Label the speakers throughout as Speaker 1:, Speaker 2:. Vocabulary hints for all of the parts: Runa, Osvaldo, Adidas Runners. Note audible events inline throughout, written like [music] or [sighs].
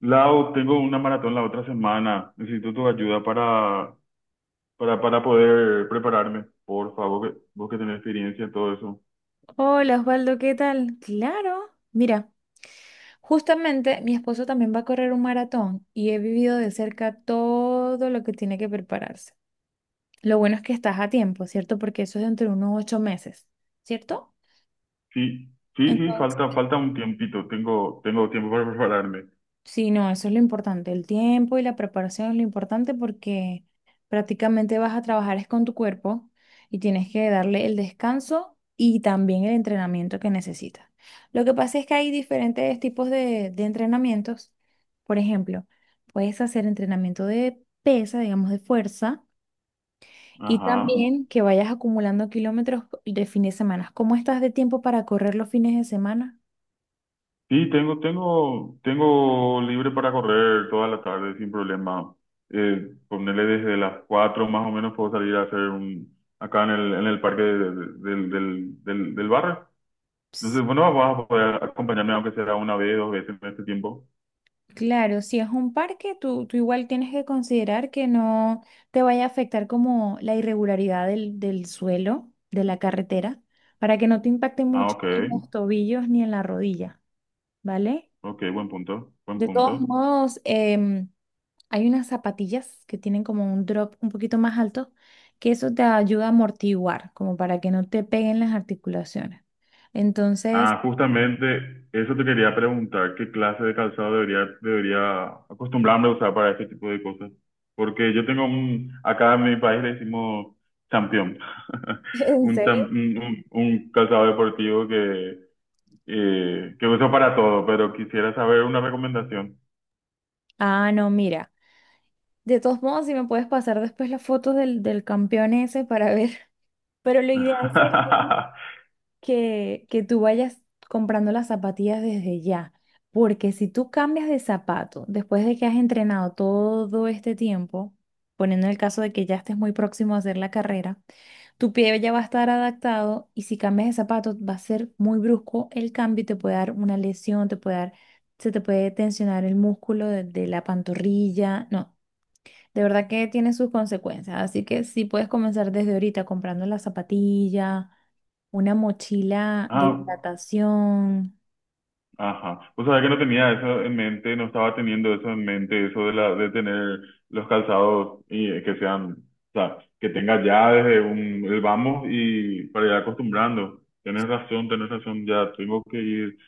Speaker 1: Lau, tengo una maratón la otra semana. Necesito tu ayuda para poder prepararme. Por favor, vos que tenés experiencia en todo eso.
Speaker 2: Hola Osvaldo, ¿qué tal? Claro, mira, justamente mi esposo también va a correr un maratón y he vivido de cerca todo lo que tiene que prepararse. Lo bueno es que estás a tiempo, ¿cierto? Porque eso es dentro de unos 8 meses, ¿cierto?
Speaker 1: Sí, sí, sí,
Speaker 2: Entonces.
Speaker 1: falta un tiempito. Tengo tiempo para prepararme.
Speaker 2: Sí, no, eso es lo importante. El tiempo y la preparación es lo importante porque prácticamente vas a trabajar es con tu cuerpo y tienes que darle el descanso y también el entrenamiento que necesitas. Lo que pasa es que hay diferentes tipos de entrenamientos. Por ejemplo, puedes hacer entrenamiento de pesa, digamos, de fuerza, y Ujú.
Speaker 1: Ajá.
Speaker 2: También que vayas acumulando kilómetros de fin de semana. ¿Cómo estás de tiempo para correr los fines de semana?
Speaker 1: Sí, tengo libre para correr toda la tarde sin problema. Ponerle desde las 4 más o menos puedo salir a hacer un, acá en el parque del barrio. Entonces, bueno, vas a poder acompañarme aunque sea una vez, dos veces en este tiempo.
Speaker 2: Claro, si es un parque, tú igual tienes que considerar que no te vaya a afectar como la irregularidad del suelo, de la carretera, para que no te impacte
Speaker 1: Ah,
Speaker 2: mucho
Speaker 1: ok,
Speaker 2: en los tobillos ni en la rodilla, ¿vale?
Speaker 1: ok, buen punto, buen
Speaker 2: De todos
Speaker 1: punto.
Speaker 2: modos, hay unas zapatillas que tienen como un drop un poquito más alto, que eso te ayuda a amortiguar, como para que no te peguen las articulaciones. Entonces,
Speaker 1: Ah, justamente eso te quería preguntar, ¿qué clase de calzado debería acostumbrarme a usar para este tipo de cosas? Porque yo tengo un, acá en mi país le decimos champión,
Speaker 2: [laughs]
Speaker 1: [laughs]
Speaker 2: ¿en
Speaker 1: un,
Speaker 2: serio?
Speaker 1: un calzado deportivo que uso para todo, pero quisiera saber una recomendación.
Speaker 2: Ah, no, mira. De todos modos, si me puedes pasar después las fotos del campeón ese para ver. [laughs] Pero lo ideal sería
Speaker 1: [laughs]
Speaker 2: que tú vayas comprando las zapatillas desde ya. Porque si tú cambias de zapato después de que has entrenado todo este tiempo, poniendo el caso de que ya estés muy próximo a hacer la carrera, tu pie ya va a estar adaptado y si cambias de zapato va a ser muy brusco el cambio y te puede dar una lesión, te puede dar, se te puede tensionar el músculo de la pantorrilla. No. De verdad que tiene sus consecuencias, así que sí puedes comenzar desde ahorita comprando la zapatilla, una mochila de
Speaker 1: Ah,
Speaker 2: hidratación,
Speaker 1: ajá. O sea, que no tenía eso en mente, no estaba teniendo eso en mente, eso de de tener los calzados y que sean, o sea, que tenga ya desde un, el vamos y para ir acostumbrando. Tienes razón, ya tengo que ir.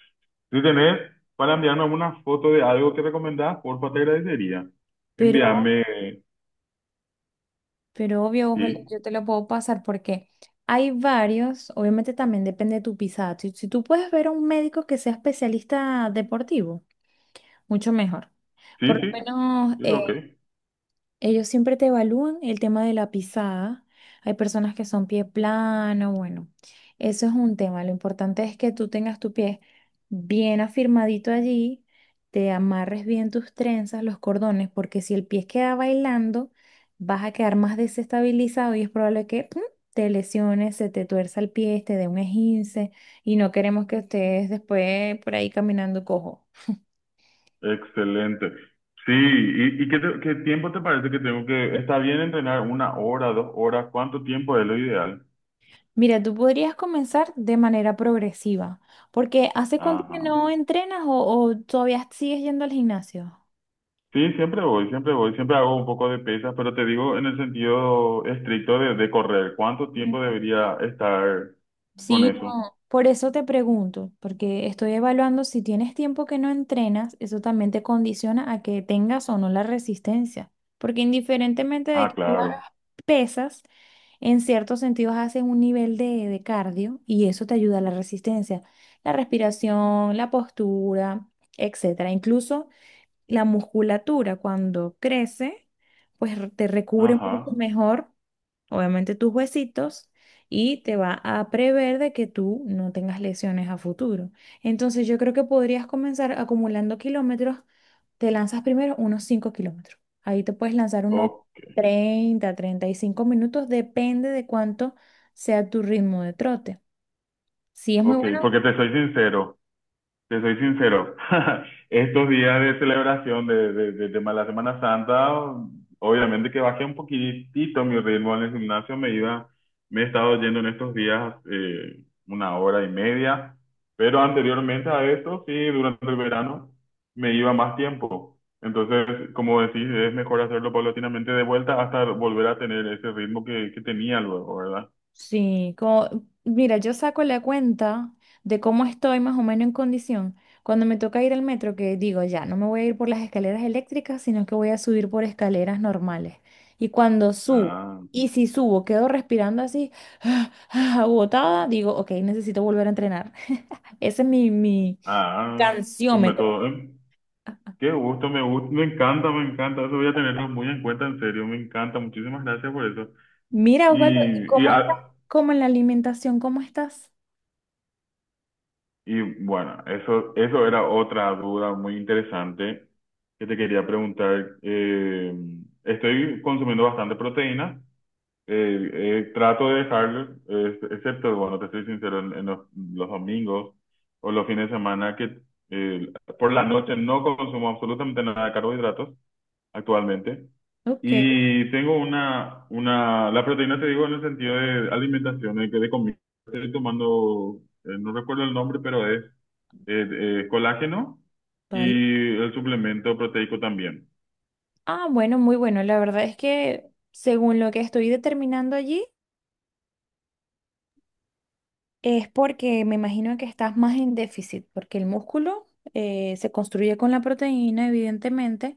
Speaker 1: Si tenés para enviarme alguna foto de algo que recomendás, porfa, te agradecería.
Speaker 2: pero,
Speaker 1: Envíame,
Speaker 2: pero obvio, ojo,
Speaker 1: sí,
Speaker 2: yo te lo puedo pasar porque hay varios, obviamente también depende de tu pisada. Si tú puedes ver a un médico que sea especialista deportivo, mucho mejor.
Speaker 1: sí,
Speaker 2: Por lo
Speaker 1: sí,
Speaker 2: menos,
Speaker 1: sí, ok.
Speaker 2: ellos siempre te evalúan el tema de la pisada. Hay personas que son pie plano, bueno, eso es un tema. Lo importante es que tú tengas tu pie bien afirmadito allí, te amarres bien tus trenzas, los cordones, porque si el pie queda bailando, vas a quedar más desestabilizado y es probable que ¡pum! Te lesiones, se te tuerza el pie, te dé un esguince y no queremos que estés después por ahí caminando cojo.
Speaker 1: Excelente. Sí, y qué, qué tiempo te parece que tengo que... Está bien entrenar una hora, dos horas, ¿cuánto tiempo es lo ideal?
Speaker 2: Mira, tú podrías comenzar de manera progresiva, porque ¿hace cuánto que
Speaker 1: Ajá.
Speaker 2: no entrenas o todavía sigues yendo al gimnasio?
Speaker 1: Sí, siempre voy, siempre voy, siempre hago un poco de pesas, pero te digo en el sentido estricto de correr, ¿cuánto tiempo
Speaker 2: Mm.
Speaker 1: debería estar con
Speaker 2: Sí,
Speaker 1: eso?
Speaker 2: no. Por eso te pregunto, porque estoy evaluando si tienes tiempo que no entrenas, eso también te condiciona a que tengas o no la resistencia, porque indiferentemente de
Speaker 1: Ah,
Speaker 2: que tú hagas
Speaker 1: claro.
Speaker 2: pesas, en ciertos sentidos haces un nivel de cardio y eso te ayuda a la resistencia, la respiración, la postura, etcétera. Incluso la musculatura cuando crece, pues te recubre mucho
Speaker 1: Ajá.
Speaker 2: mejor, obviamente, tus huesitos y te va a prever de que tú no tengas lesiones a futuro. Entonces yo creo que podrías comenzar acumulando kilómetros, te lanzas primero unos 5 kilómetros. Ahí te puedes lanzar unos
Speaker 1: O-
Speaker 2: 30, 35 minutos, depende de cuánto sea tu ritmo de trote. Si es muy
Speaker 1: ok,
Speaker 2: bueno.
Speaker 1: porque te soy sincero. Te soy sincero, [laughs] estos días de celebración de la Semana Santa, obviamente que bajé un poquitito mi ritmo en el gimnasio, me iba, me he estado yendo en estos días una hora y media, pero anteriormente a esto, sí, durante el verano me iba más tiempo. Entonces, como decís, es mejor hacerlo paulatinamente de vuelta hasta volver a tener ese ritmo que tenía luego, ¿verdad?
Speaker 2: Sí, como, mira, yo saco la cuenta de cómo estoy más o menos en condición. Cuando me toca ir al metro, que digo, ya, no me voy a ir por las escaleras eléctricas, sino que voy a subir por escaleras normales. Y cuando subo,
Speaker 1: Ah,
Speaker 2: y si subo, quedo respirando así, [sighs] agotada, digo, ok, necesito volver a entrenar. [laughs] Ese es mi
Speaker 1: ah, tu
Speaker 2: canciómetro.
Speaker 1: método, ¿eh? Qué gusto, me gusta, me encanta, me encanta. Eso voy a tenerlo muy en cuenta, en serio, me encanta. Muchísimas gracias por eso.
Speaker 2: Mira, Osvaldo,
Speaker 1: Y, y,
Speaker 2: ¿cómo estás?
Speaker 1: a-
Speaker 2: ¿Cómo en la alimentación? ¿Cómo estás?
Speaker 1: y bueno, eso era otra duda muy interesante que te quería preguntar. Estoy consumiendo bastante proteína. Eh, Trato de dejar, excepto, bueno, te estoy sincero, en los domingos o los fines de semana que eh, por la noche no consumo absolutamente nada de carbohidratos actualmente.
Speaker 2: Ok,
Speaker 1: Y tengo la proteína te digo en el sentido de alimentación, de, que de comida. Estoy tomando, no recuerdo el nombre, pero es eh, colágeno
Speaker 2: vale.
Speaker 1: y el suplemento proteico también.
Speaker 2: Ah, bueno, muy bueno. La verdad es que según lo que estoy determinando allí, es porque me imagino que estás más en déficit, porque el músculo se construye con la proteína, evidentemente,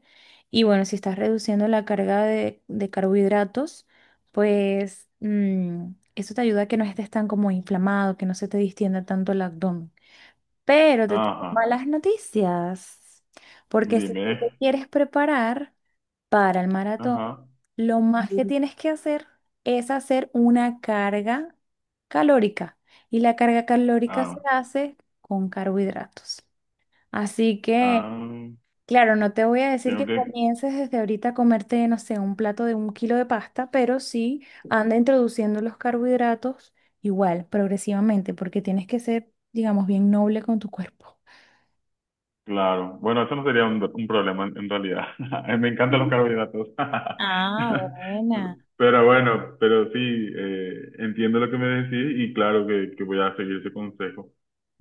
Speaker 2: y bueno, si estás reduciendo la carga de carbohidratos, pues eso te ayuda a que no estés tan como inflamado, que no se te distienda tanto el abdomen. Pero te tengo
Speaker 1: Ajá,
Speaker 2: malas noticias, porque si
Speaker 1: dime.
Speaker 2: tú te quieres preparar para el maratón,
Speaker 1: Ajá,
Speaker 2: lo más que Ujú. Tienes que hacer es hacer una carga calórica. Y la carga calórica se
Speaker 1: ah,
Speaker 2: hace con carbohidratos. Así que,
Speaker 1: ah,
Speaker 2: claro, no te voy a decir que
Speaker 1: tengo que,
Speaker 2: comiences desde ahorita a comerte, no sé, un plato de un kilo de pasta, pero sí anda introduciendo los carbohidratos igual, progresivamente, porque tienes que ser, digamos, bien noble con tu cuerpo.
Speaker 1: claro. Bueno, eso no sería un problema en realidad. [laughs] Me encantan los carbohidratos.
Speaker 2: Ah,
Speaker 1: [laughs]
Speaker 2: buena.
Speaker 1: Pero bueno, pero sí, entiendo lo que me decís y claro que voy a seguir ese consejo.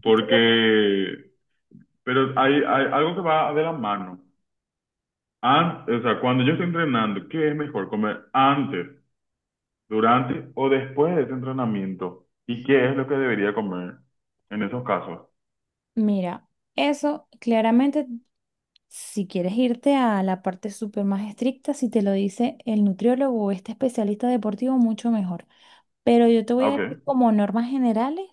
Speaker 1: Porque, pero hay algo que va de la mano. O sea, cuando yo estoy entrenando, ¿qué es mejor comer antes, durante o después de ese entrenamiento? ¿Y qué es lo que debería comer en esos casos?
Speaker 2: Mira, eso claramente, si quieres irte a la parte súper más estricta, si te lo dice el nutriólogo o este especialista deportivo, mucho mejor. Pero yo te voy
Speaker 1: Ah,
Speaker 2: a decir
Speaker 1: ok,
Speaker 2: como normas generales,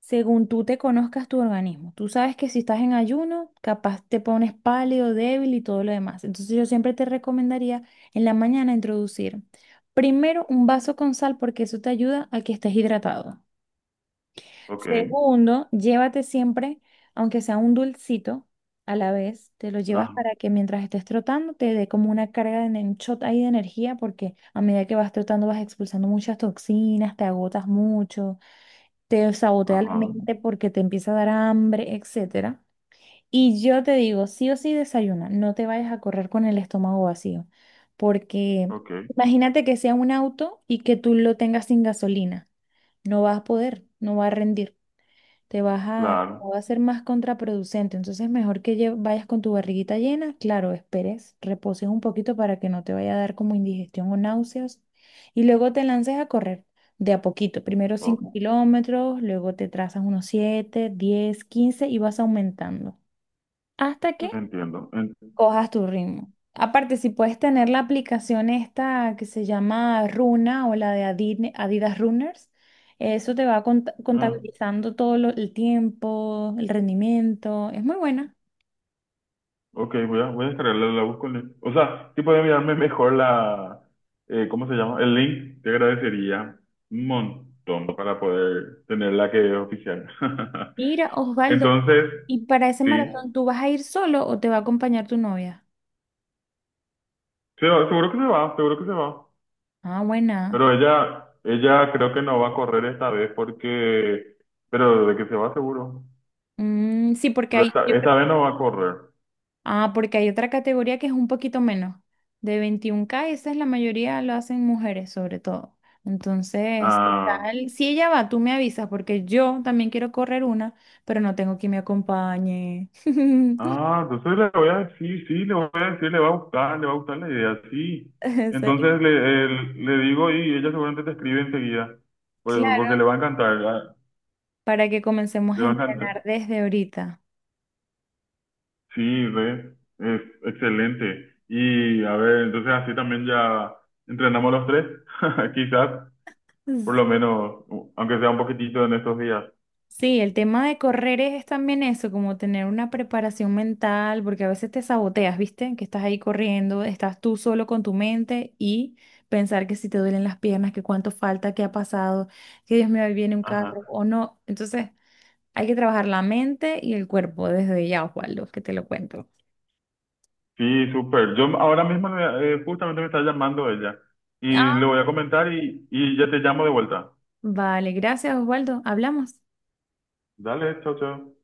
Speaker 2: según tú te conozcas tu organismo. Tú sabes que si estás en ayuno, capaz te pones pálido, débil y todo lo demás. Entonces yo siempre te recomendaría en la mañana introducir primero un vaso con sal porque eso te ayuda a que estés hidratado.
Speaker 1: ok,
Speaker 2: Segundo, llévate siempre, aunque sea un dulcito a la vez, te lo llevas
Speaker 1: ajá,
Speaker 2: para que mientras estés trotando te dé como una carga de shot ahí de energía, porque a medida que vas trotando vas expulsando muchas toxinas, te agotas mucho, te sabotea la
Speaker 1: ajá,
Speaker 2: mente porque te empieza a dar hambre, etcétera. Y yo te digo, sí o sí desayuna, no te vayas a correr con el estómago vacío, porque
Speaker 1: ok,
Speaker 2: imagínate que sea un auto y que tú lo tengas sin gasolina, no vas a poder, no va a rendir, te vas a,
Speaker 1: claro,
Speaker 2: va a ser más contraproducente. Entonces, mejor que vayas con tu barriguita llena, claro, esperes, reposes un poquito para que no te vaya a dar como indigestión o náuseas. Y luego te lances a correr de a poquito. Primero
Speaker 1: ok,
Speaker 2: 5 kilómetros, luego te trazas unos 7, 10, 15 y vas aumentando. ¿Hasta que
Speaker 1: entiendo.
Speaker 2: cojas tu ritmo? Aparte, si puedes tener la aplicación esta que se llama Runa o la de Adidas Runners, eso te va
Speaker 1: Ah,
Speaker 2: contabilizando todo el tiempo, el rendimiento. Es muy buena.
Speaker 1: ok, voy a, voy a descargarla, la busco en el- O sea, si pueden enviarme mejor la... ¿cómo se llama? El link, te agradecería un montón para poder tener la que es oficial. [laughs]
Speaker 2: Mira, Osvaldo,
Speaker 1: Entonces,
Speaker 2: ¿y para ese
Speaker 1: sí,
Speaker 2: maratón tú vas a ir solo o te va a acompañar tu novia?
Speaker 1: se va, seguro que se va, seguro que se va.
Speaker 2: Ah, buena.
Speaker 1: Pero ella creo que no va a correr esta vez porque... Pero de que se va seguro.
Speaker 2: Mm, sí, porque
Speaker 1: Pero
Speaker 2: ahí
Speaker 1: esta,
Speaker 2: yo creo.
Speaker 1: esta vez no va a correr.
Speaker 2: Ah, porque hay otra categoría que es un poquito menos, de 21K, y esa es la mayoría lo hacen mujeres sobre todo. Entonces, ¿qué
Speaker 1: Ah,
Speaker 2: tal? Si ella va, tú me avisas, porque yo también quiero correr una, pero no tengo quien me acompañe. [laughs]
Speaker 1: ah, entonces le voy a decir, sí, sí, le voy a decir, le va a gustar, le va a gustar la idea, sí.
Speaker 2: En serio.
Speaker 1: Entonces le, le digo y ella seguramente te escribe enseguida, pues, porque
Speaker 2: Claro,
Speaker 1: le va a encantar, ah,
Speaker 2: para que comencemos
Speaker 1: le
Speaker 2: a
Speaker 1: va a encantar.
Speaker 2: entrenar desde ahorita.
Speaker 1: Sí, re, es excelente. Y a ver, entonces así también ya entrenamos los tres, [laughs] quizás, por lo menos, aunque sea un poquitito en estos días.
Speaker 2: Sí, el tema de correr es también eso, como tener una preparación mental, porque a veces te saboteas, ¿viste? Que estás ahí corriendo, estás tú solo con tu mente y pensar que si te duelen las piernas, que cuánto falta, que ha pasado, que Dios mío, ahí viene un
Speaker 1: Ajá.
Speaker 2: carro o no. Entonces, hay que trabajar la mente y el cuerpo desde ya, Osvaldo, que te lo cuento.
Speaker 1: Sí, súper. Yo ahora mismo justamente me está llamando ella y
Speaker 2: Ah,
Speaker 1: le voy a comentar y ya te llamo de vuelta.
Speaker 2: vale, gracias, Osvaldo. Hablamos.
Speaker 1: Dale, chao, chao.